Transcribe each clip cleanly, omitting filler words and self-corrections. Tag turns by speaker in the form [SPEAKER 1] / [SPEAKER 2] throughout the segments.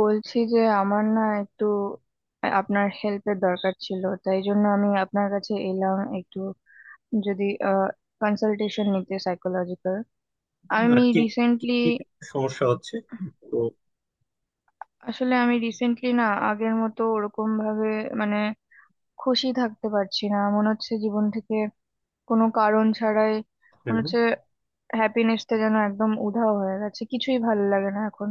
[SPEAKER 1] বলছি যে আমার না একটু আপনার হেল্পের দরকার ছিল, তাই জন্য আমি আপনার কাছে এলাম একটু যদি কনসালটেশন নিতে সাইকোলজিক্যাল।
[SPEAKER 2] আর
[SPEAKER 1] আমি
[SPEAKER 2] কি কি
[SPEAKER 1] রিসেন্টলি
[SPEAKER 2] কি সমস্যা হচ্ছে? তো
[SPEAKER 1] আমি রিসেন্টলি না আগের মতো ওরকম ভাবে, মানে খুশি থাকতে পারছি না, মনে হচ্ছে জীবন থেকে কোনো কারণ ছাড়াই
[SPEAKER 2] হ্যাঁ,
[SPEAKER 1] মনে হচ্ছে হ্যাপিনেসটা যেন একদম উধাও হয়ে গেছে। কিছুই ভালো লাগে না এখন,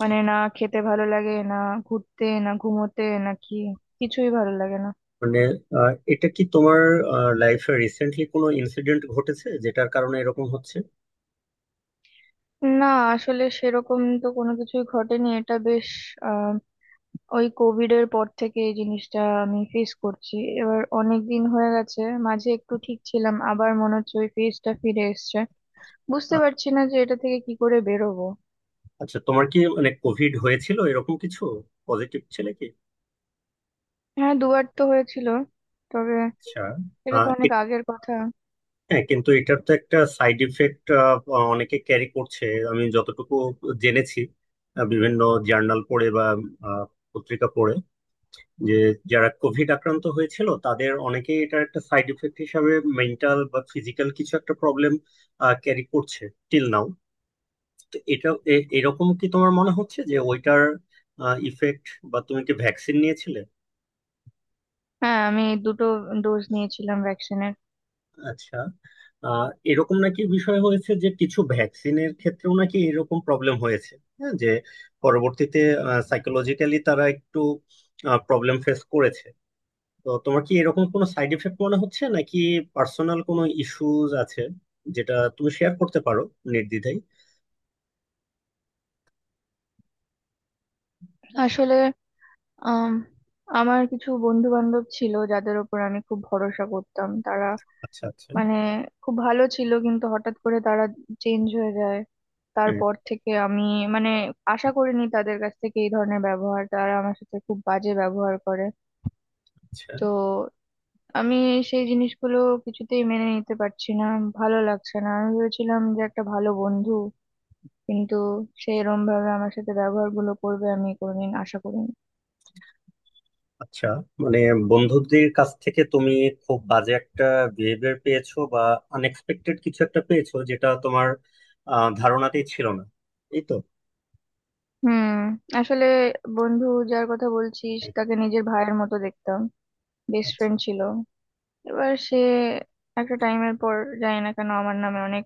[SPEAKER 1] না খেতে ভালো লাগে, না ঘুরতে, না ঘুমোতে, না কি কিছুই ভালো লাগে না।
[SPEAKER 2] মানে এটা কি তোমার লাইফে রিসেন্টলি কোনো ইনসিডেন্ট ঘটেছে যেটার কারণে এরকম হচ্ছে?
[SPEAKER 1] না, আসলে সেরকম তো কোনো কিছুই ঘটেনি। এটা বেশ আহ ওই কোভিড এর পর থেকে এই জিনিসটা আমি ফেস করছি। এবার অনেক দিন হয়ে গেছে, মাঝে একটু ঠিক ছিলাম, আবার মনে হচ্ছে ওই ফেজটা ফিরে এসছে। বুঝতে
[SPEAKER 2] আ-
[SPEAKER 1] পারছি না যে এটা থেকে কি করে বেরোবো।
[SPEAKER 2] আচ্ছা, তোমার কি মানে কোভিড হয়েছিল, এরকম কিছু? পজিটিভ ছিল কি?
[SPEAKER 1] হ্যাঁ, দুবার তো হয়েছিল, তবে
[SPEAKER 2] আচ্ছা।
[SPEAKER 1] এটা
[SPEAKER 2] আহ,
[SPEAKER 1] তো
[SPEAKER 2] এ-
[SPEAKER 1] অনেক আগের কথা।
[SPEAKER 2] হ্যাঁ, কিন্তু এটার তো একটা সাইড ইফেক্ট অনেকে ক্যারি করছে। আমি যতটুকু জেনেছি, বিভিন্ন জার্নাল পড়ে বা আহ, পত্রিকা পড়ে, যে যারা কোভিড আক্রান্ত হয়েছিল তাদের অনেকেই এটার একটা সাইড এফেক্ট হিসাবে মেন্টাল বা ফিজিক্যাল কিছু একটা প্রবলেম ক্যারি করছে টিল নাও। তো এটা এরকম কি তোমার মনে হচ্ছে যে ওইটার ইফেক্ট? বা তুমি কি ভ্যাকসিন নিয়েছিলে?
[SPEAKER 1] হ্যাঁ, আমি দুটো ডোজ নিয়েছিলাম ভ্যাকসিনের।
[SPEAKER 2] আচ্ছা। আহ, এরকম নাকি বিষয় হয়েছে যে কিছু ভ্যাকসিনের ক্ষেত্রেও নাকি এরকম প্রবলেম হয়েছে, হ্যাঁ, যে পরবর্তীতে সাইকোলজিক্যালি তারা একটু প্রবলেম ফেস করেছে। তো তোমার কি এরকম কোনো সাইড এফেক্ট মনে হচ্ছে নাকি পার্সোনাল কোনো ইস্যুজ আছে যেটা তুমি শেয়ার করতে পারো নির্দ্বিধায়?
[SPEAKER 1] আসলে আম, আমার কিছু বন্ধু বান্ধব ছিল যাদের ওপর আমি খুব ভরসা করতাম, তারা
[SPEAKER 2] আচ্ছা, আচ্ছা.
[SPEAKER 1] মানে খুব ভালো ছিল, কিন্তু হঠাৎ করে তারা চেঞ্জ হয়ে যায়।
[SPEAKER 2] হ্যাঁ,
[SPEAKER 1] তারপর থেকে আমি, মানে আশা করিনি তাদের কাছ থেকে এই ধরনের ব্যবহার, তারা আমার সাথে খুব বাজে ব্যবহার করে।
[SPEAKER 2] আচ্ছা,
[SPEAKER 1] তো আমি সেই জিনিসগুলো কিছুতেই মেনে নিতে পারছি না, ভালো লাগছে না। আমি ভেবেছিলাম যে একটা ভালো বন্ধু, কিন্তু সে এরম ভাবে আমার সাথে ব্যবহারগুলো করবে আমি কোনোদিন আশা করিনি।
[SPEAKER 2] আচ্ছা। মানে বন্ধুদের কাছ থেকে তুমি খুব বাজে একটা বিহেভিয়ার পেয়েছো বা আনএক্সপেক্টেড কিছু একটা পেয়েছো যেটা তোমার ধারণাতেই ছিল না, এই তো।
[SPEAKER 1] হুম, আসলে বন্ধু যার কথা বলছিস
[SPEAKER 2] হ্যাঁ,
[SPEAKER 1] তাকে নিজের ভাইয়ের মতো দেখতাম, বেস্ট
[SPEAKER 2] আচ্ছা,
[SPEAKER 1] ফ্রেন্ড ছিল। এবার সে একটা টাইমের পর, জানি না কেন, আমার নামে অনেক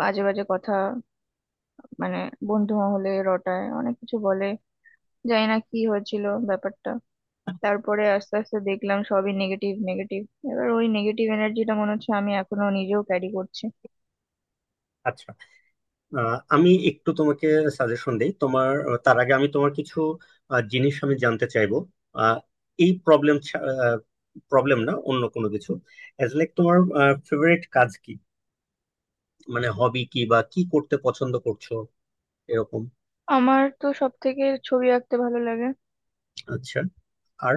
[SPEAKER 1] বাজে বাজে কথা, মানে বন্ধু মহলে রটায়, অনেক কিছু বলে। জানি না কি হয়েছিল ব্যাপারটা। তারপরে আস্তে আস্তে দেখলাম সবই নেগেটিভ নেগেটিভ। এবার ওই নেগেটিভ এনার্জিটা মনে হচ্ছে আমি এখনো নিজেও ক্যারি করছি।
[SPEAKER 2] আচ্ছা। আমি একটু তোমাকে সাজেশন দিই। তোমার তার আগে আমি তোমার কিছু জিনিস আমি জানতে চাইবো। আহ, এই প্রবলেম প্রবলেম না, অন্য কোনো কিছু। এজ লাইক তোমার ফেভারিট কাজ কি? মানে হবি কি, বা কি করতে পছন্দ করছো এরকম?
[SPEAKER 1] আমার তো সব থেকে ছবি আঁকতে ভালো লাগে।
[SPEAKER 2] আচ্ছা। আর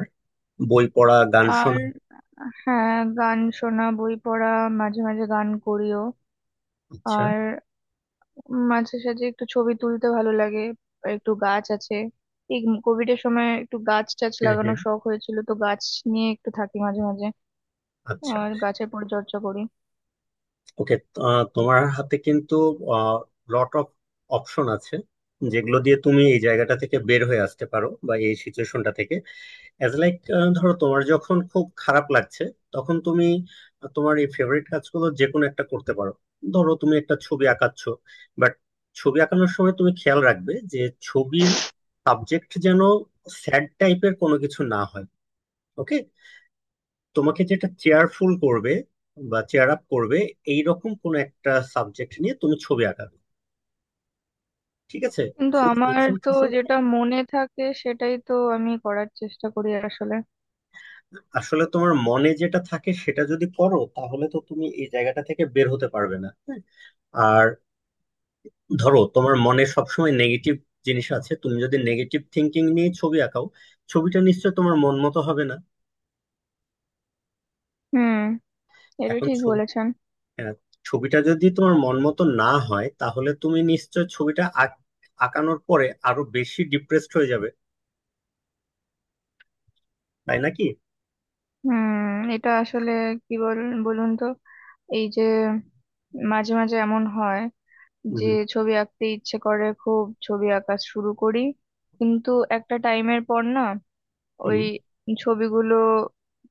[SPEAKER 2] বই পড়া, গান
[SPEAKER 1] আর
[SPEAKER 2] শোনা?
[SPEAKER 1] হ্যাঁ, গান শোনা, বই পড়া, মাঝে মাঝে গান করিও।
[SPEAKER 2] আচ্ছা।
[SPEAKER 1] আর মাঝে সাঝে একটু ছবি তুলতে ভালো লাগে। আর একটু গাছ আছে, এই কোভিড এর সময় একটু গাছ টাছ
[SPEAKER 2] হ্যাঁ, হ্যাঁ।
[SPEAKER 1] লাগানোর শখ হয়েছিল, তো গাছ নিয়ে একটু থাকি মাঝে মাঝে
[SPEAKER 2] আচ্ছা।
[SPEAKER 1] আর গাছের পরিচর্যা করি।
[SPEAKER 2] ওকে, তোমার হাতে কিন্তু লট অফ অপশন আছে যেগুলো দিয়ে তুমি এই জায়গাটা থেকে বের হয়ে আসতে পারো, বা এই সিচুয়েশনটা থেকে। অ্যাজ লাইক, ধরো তোমার যখন খুব খারাপ লাগছে তখন তুমি তোমার এই ফেভারিট কাজগুলো যে কোনো একটা করতে পারো। ধরো তুমি একটা ছবি আঁকাচ্ছ, বাট ছবি আঁকানোর সময় তুমি খেয়াল রাখবে যে ছবির সাবজেক্ট যেন স্যাড টাইপের কোনো কিছু না হয়। ওকে? তোমাকে যেটা চেয়ারফুল করবে বা চেয়ার আপ করবে এই রকম কোনো একটা সাবজেক্ট নিয়ে তুমি ছবি আঁকাবে, ঠিক আছে?
[SPEAKER 1] কিন্তু
[SPEAKER 2] ফুল
[SPEAKER 1] আমার তো
[SPEAKER 2] কনসেন্ট্রেশন।
[SPEAKER 1] যেটা মনে থাকে সেটাই তো আমি করার চেষ্টা করি আসলে।
[SPEAKER 2] আসলে তোমার মনে যেটা থাকে সেটা যদি করো তাহলে তো তুমি এই জায়গাটা থেকে বের হতে পারবে না, হ্যাঁ? আর ধরো তোমার মনে সবসময় নেগেটিভ জিনিস আছে, তুমি যদি নেগেটিভ থিঙ্কিং নিয়ে ছবি আঁকাও, ছবিটা নিশ্চয় তোমার মন মতো হবে না।
[SPEAKER 1] হুম, এটা
[SPEAKER 2] এখন
[SPEAKER 1] ঠিক বলেছেন।
[SPEAKER 2] আহ, ছবিটা যদি তোমার মন মতো না হয় তাহলে তুমি নিশ্চয় আঁকানোর পরে আরো বেশি ডিপ্রেসড হয়ে যাবে, তাই নাকি?
[SPEAKER 1] হুম, এটা আসলে কি বলুন তো, এই যে মাঝে মাঝে এমন হয় যে
[SPEAKER 2] হুম,
[SPEAKER 1] ছবি আঁকতে ইচ্ছে করে, খুব ছবি আঁকা শুরু করি, কিন্তু একটা টাইমের পর না ওই
[SPEAKER 2] হুম।
[SPEAKER 1] ছবিগুলো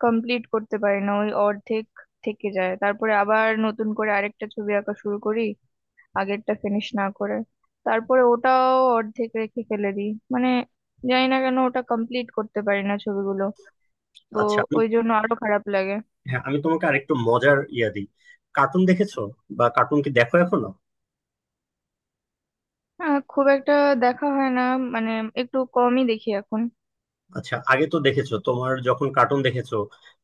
[SPEAKER 1] কমপ্লিট করতে পারি না, ওই অর্ধেক থেকে যায়। তারপরে আবার নতুন করে আরেকটা ছবি আঁকা শুরু করি আগেরটা ফিনিশ না করে, তারপরে ওটাও অর্ধেক রেখে ফেলে দিই। জানি না কেন ওটা কমপ্লিট করতে পারি না ছবিগুলো, তো
[SPEAKER 2] আচ্ছা আমি,
[SPEAKER 1] ওই জন্য আরো খারাপ লাগে।
[SPEAKER 2] হ্যাঁ আমি তোমাকে আরেকটু মজার ইয়া দিই। কার্টুন দেখেছো, বা কার্টুন কি দেখো এখনো?
[SPEAKER 1] হ্যাঁ, খুব একটা দেখা হয় না, মানে একটু কমই দেখি এখন।
[SPEAKER 2] আচ্ছা, আগে তো দেখেছো। তোমার যখন কার্টুন দেখেছো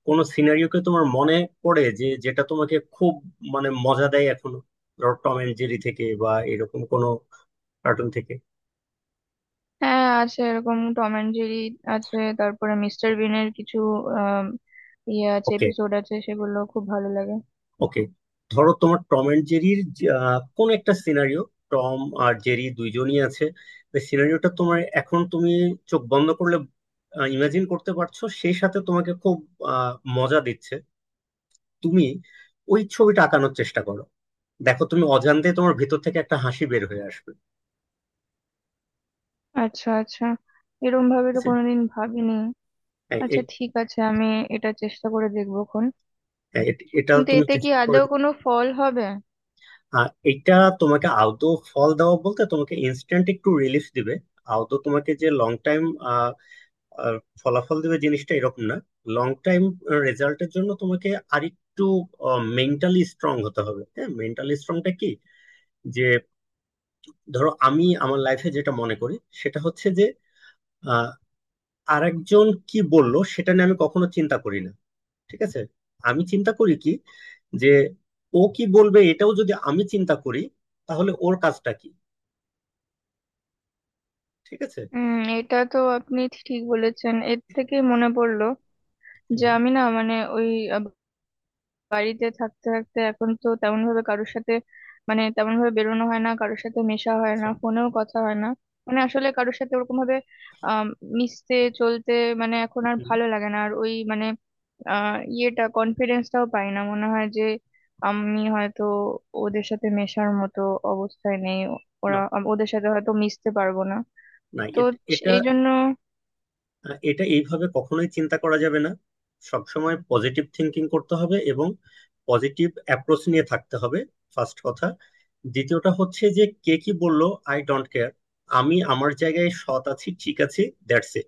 [SPEAKER 2] কোন সিনারিওকে তোমার মনে পড়ে যে যেটা তোমাকে খুব মানে মজা দেয় এখনো? ধরো টম এন্ড জেরি থেকে বা এরকম কোন কার্টুন থেকে।
[SPEAKER 1] হ্যাঁ আছে, এরকম টম অ্যান্ড জেরি আছে, তারপরে মিস্টার বিনের কিছু আম, ইয়ে আছে,
[SPEAKER 2] ওকে,
[SPEAKER 1] এপিসোড আছে, সেগুলো খুব ভালো লাগে।
[SPEAKER 2] ওকে। ধরো তোমার টম এন্ড জেরির কোন একটা সিনারিও, টম আর জেরি দুইজনই আছে, সিনারিওটা তোমার এখন তুমি চোখ বন্ধ করলে ইমাজিন করতে পারছো, সেই সাথে তোমাকে খুব আহ, মজা দিচ্ছে। তুমি ওই ছবিটা আঁকানোর চেষ্টা করো, দেখো তুমি অজান্তে তোমার ভেতর থেকে একটা হাসি বের হয়ে আসবে।
[SPEAKER 1] আচ্ছা আচ্ছা, এরকম ভাবে
[SPEAKER 2] ঠিক
[SPEAKER 1] তো
[SPEAKER 2] আছে?
[SPEAKER 1] কোনোদিন ভাবিনি।
[SPEAKER 2] এ-
[SPEAKER 1] আচ্ছা
[SPEAKER 2] এ-
[SPEAKER 1] ঠিক আছে, আমি এটা চেষ্টা করে দেখবো খন।
[SPEAKER 2] এটা
[SPEAKER 1] কিন্তু
[SPEAKER 2] তুমি
[SPEAKER 1] এতে কি আদৌ কোনো ফল হবে?
[SPEAKER 2] আর এটা তোমাকে আদৌ ফল দেওয়া বলতে তোমাকে ইনস্ট্যান্ট একটু রিলিফ দিবে, আদৌ তোমাকে যে লং টাইম ফলাফল দিবে জিনিসটা এরকম না। লং টাইম রেজাল্টের জন্য তোমাকে আরেকটু মেন্টালি স্ট্রং হতে হবে। হ্যাঁ, মেন্টালি স্ট্রংটা কি যে ধরো আমি আমার লাইফে যেটা মনে করি সেটা হচ্ছে যে আহ, আরেকজন কি বললো সেটা নিয়ে আমি কখনো চিন্তা করি না, ঠিক আছে? আমি চিন্তা করি কি, যে ও কি বলবে এটাও যদি আমি চিন্তা করি, তাহলে ওর কাজটা কি? ঠিক আছে।
[SPEAKER 1] হুম, এটা তো আপনি ঠিক বলেছেন। এর থেকে মনে পড়লো যে
[SPEAKER 2] হ্যাঁ,
[SPEAKER 1] আমি না, ওই বাড়িতে থাকতে থাকতে এখন তো তেমন ভাবে কারোর সাথে, তেমন ভাবে বেরোনো হয় না, কারোর সাথে মেশা হয় না,
[SPEAKER 2] আচ্ছা,
[SPEAKER 1] ফোনেও কথা হয় না। আসলে কারোর সাথে ওরকম ভাবে আহ মিশতে, চলতে, এখন আর
[SPEAKER 2] হুম,
[SPEAKER 1] ভালো লাগে না। আর ওই মানে আহ ইয়েটা, কনফিডেন্সটাও পাই না, মনে হয় যে আমি হয়তো ওদের সাথে মেশার মতো অবস্থায় নেই,
[SPEAKER 2] না,
[SPEAKER 1] ওদের সাথে হয়তো মিশতে পারবো না, তো
[SPEAKER 2] এটা
[SPEAKER 1] এই জন্য।
[SPEAKER 2] এটা এইভাবে কখনোই চিন্তা করা যাবে না। সবসময় পজিটিভ থিঙ্কিং করতে হবে এবং পজিটিভ অ্যাপ্রোচ নিয়ে থাকতে হবে, ফার্স্ট কথা। দ্বিতীয়টা হচ্ছে যে কে কি বললো আই ডোন্ট কেয়ার, আমি আমার জায়গায় সৎ আছি, ঠিক আছে? That's it.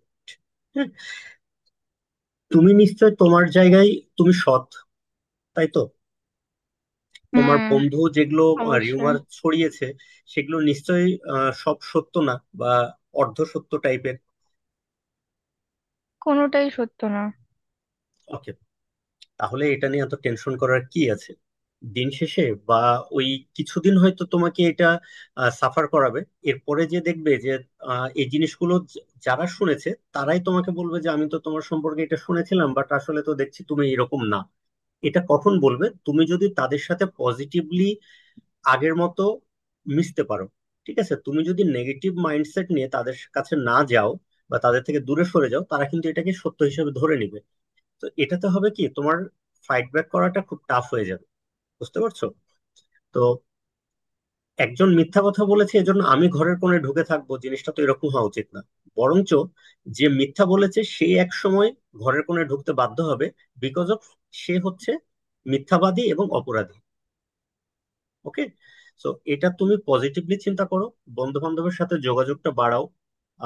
[SPEAKER 2] তুমি নিশ্চয় তোমার জায়গায় তুমি সৎ, তাই তো? তোমার
[SPEAKER 1] হুম,
[SPEAKER 2] বন্ধু যেগুলো
[SPEAKER 1] অবশ্যই।
[SPEAKER 2] রিউমার ছড়িয়েছে সেগুলো নিশ্চয়ই সব সত্য না, বা অর্ধ সত্য টাইপের।
[SPEAKER 1] কোনোটাই সত্য না।
[SPEAKER 2] ওকে, তাহলে এটা নিয়ে এত টেনশন করার কি আছে? দিন শেষে বা ওই কিছুদিন হয়তো তোমাকে এটা সাফার করাবে, এরপরে যে দেখবে যে এই জিনিসগুলো যারা শুনেছে তারাই তোমাকে বলবে যে আমি তো তোমার সম্পর্কে এটা শুনেছিলাম বাট আসলে তো দেখছি তুমি এরকম না। এটা কখন বলবে? তুমি যদি তাদের সাথে পজিটিভলি আগের মতো মিশতে পারো, ঠিক আছে? তুমি যদি নেগেটিভ মাইন্ডসেট নিয়ে তাদের কাছে না যাও বা তাদের থেকে দূরে সরে যাও তারা কিন্তু এটাকে সত্য হিসেবে ধরে নিবে। তো এটাতে হবে কি, তোমার ফাইট ব্যাক করাটা খুব টাফ হয়ে যাবে, বুঝতে পারছো? তো একজন মিথ্যা কথা বলেছে এজন্য আমি ঘরের কোণে ঢুকে থাকবো জিনিসটা তো এরকম হওয়া উচিত না। বরঞ্চ যে মিথ্যা বলেছে সে এক সময় ঘরের কোণে ঢুকতে বাধ্য হবে, বিকজ অফ সে হচ্ছে মিথ্যাবাদী এবং অপরাধী, ওকে? সো এটা তুমি পজিটিভলি চিন্তা করো, বন্ধু বান্ধবের সাথে যোগাযোগটা বাড়াও।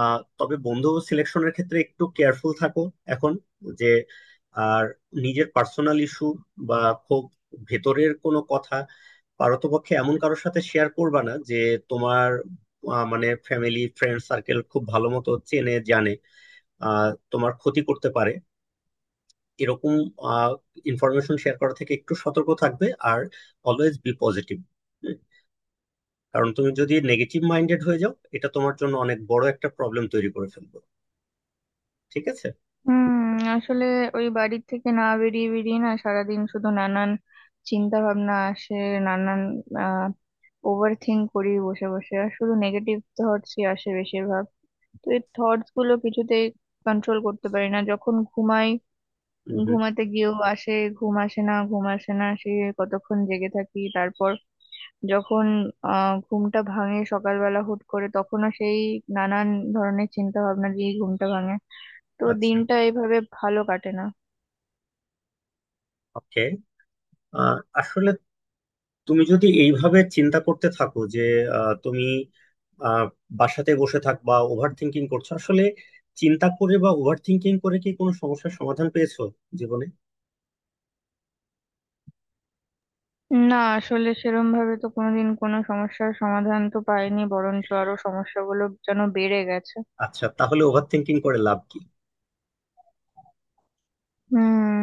[SPEAKER 2] তবে বন্ধু সিলেকশনের ক্ষেত্রে একটু কেয়ারফুল থাকো এখন, যে আর নিজের পার্সোনাল ইস্যু বা খুব ভেতরের কোনো কথা পারতপক্ষে এমন কারোর সাথে শেয়ার করবা না যে তোমার মানে ফ্যামিলি ফ্রেন্ড সার্কেল খুব ভালো মতো চেনে জানে, তোমার ক্ষতি করতে পারে, এরকম ইনফরমেশন শেয়ার করা থেকে একটু সতর্ক থাকবে। আর অলওয়েজ বি পজিটিভ, কারণ তুমি যদি নেগেটিভ মাইন্ডেড হয়ে যাও এটা তোমার জন্য অনেক বড় একটা প্রবলেম তৈরি করে ফেলবে, ঠিক আছে?
[SPEAKER 1] হুম, আসলে ওই বাড়ি থেকে না বেরিয়ে বেরিয়ে না সারাদিন শুধু নানান চিন্তা ভাবনা আসে। নানান আহ ওভার থিঙ্ক করি বসে বসে আর শুধু নেগেটিভ থটসই আসে বেশিরভাগ। তো এই থটস গুলো কিছুতেই কন্ট্রোল করতে পারি না। যখন ঘুমাই,
[SPEAKER 2] হুম, হুম।
[SPEAKER 1] ঘুমাতে গিয়েও আসে, ঘুম আসে না, ঘুম আসে না, সে কতক্ষণ জেগে থাকি। তারপর যখন ঘুমটা ভাঙে সকালবেলা হুট করে, তখনও সেই নানান ধরনের চিন্তা ভাবনা দিয়ে ঘুমটা ভাঙে। তো
[SPEAKER 2] আচ্ছা,
[SPEAKER 1] দিনটা এইভাবে ভালো কাটে না।
[SPEAKER 2] ওকে। আসলে তুমি যদি এইভাবে চিন্তা করতে থাকো যে তুমি আহ, বাসাতে বসে থাকবা ওভার থিংকিং করছো, আসলে চিন্তা করে বা ওভার থিংকিং করে কি কোনো সমস্যার সমাধান পেয়েছো জীবনে?
[SPEAKER 1] না, আসলে সেরম ভাবে তো কোনোদিন কোনো সমস্যার সমাধান তো পাইনি, বরঞ্চ আরো সমস্যাগুলো যেন বেড়ে গেছে।
[SPEAKER 2] আচ্ছা, তাহলে ওভার থিংকিং করে লাভ কি?
[SPEAKER 1] হুম,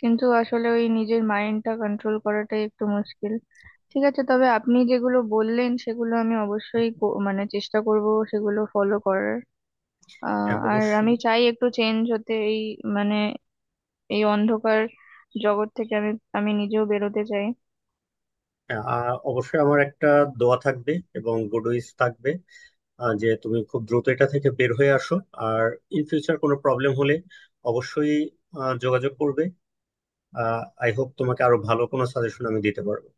[SPEAKER 1] কিন্তু আসলে ওই নিজের মাইন্ডটা কন্ট্রোল করাটাই একটু মুশকিল। ঠিক আছে, তবে আপনি যেগুলো বললেন সেগুলো আমি অবশ্যই কো- মানে চেষ্টা করব সেগুলো ফলো করার। আহ,
[SPEAKER 2] হ্যাঁ,
[SPEAKER 1] আর আমি
[SPEAKER 2] অবশ্যই।
[SPEAKER 1] চাই একটু চেঞ্জ হতে এই, মানে এই অন্ধকার জগৎ থেকে আমি, আমি নিজেও বেরোতে চাই।
[SPEAKER 2] হ্যাঁ, অবশ্যই আমার একটা দোয়া থাকবে এবং গুড উইশ থাকবে, যে তুমি খুব দ্রুত এটা থেকে বের হয়ে আসো। আর ইন ফিউচার কোনো প্রবলেম হলে অবশ্যই যোগাযোগ করবে। আই হোপ তোমাকে আরো ভালো কোনো সাজেশন আমি দিতে পারবো।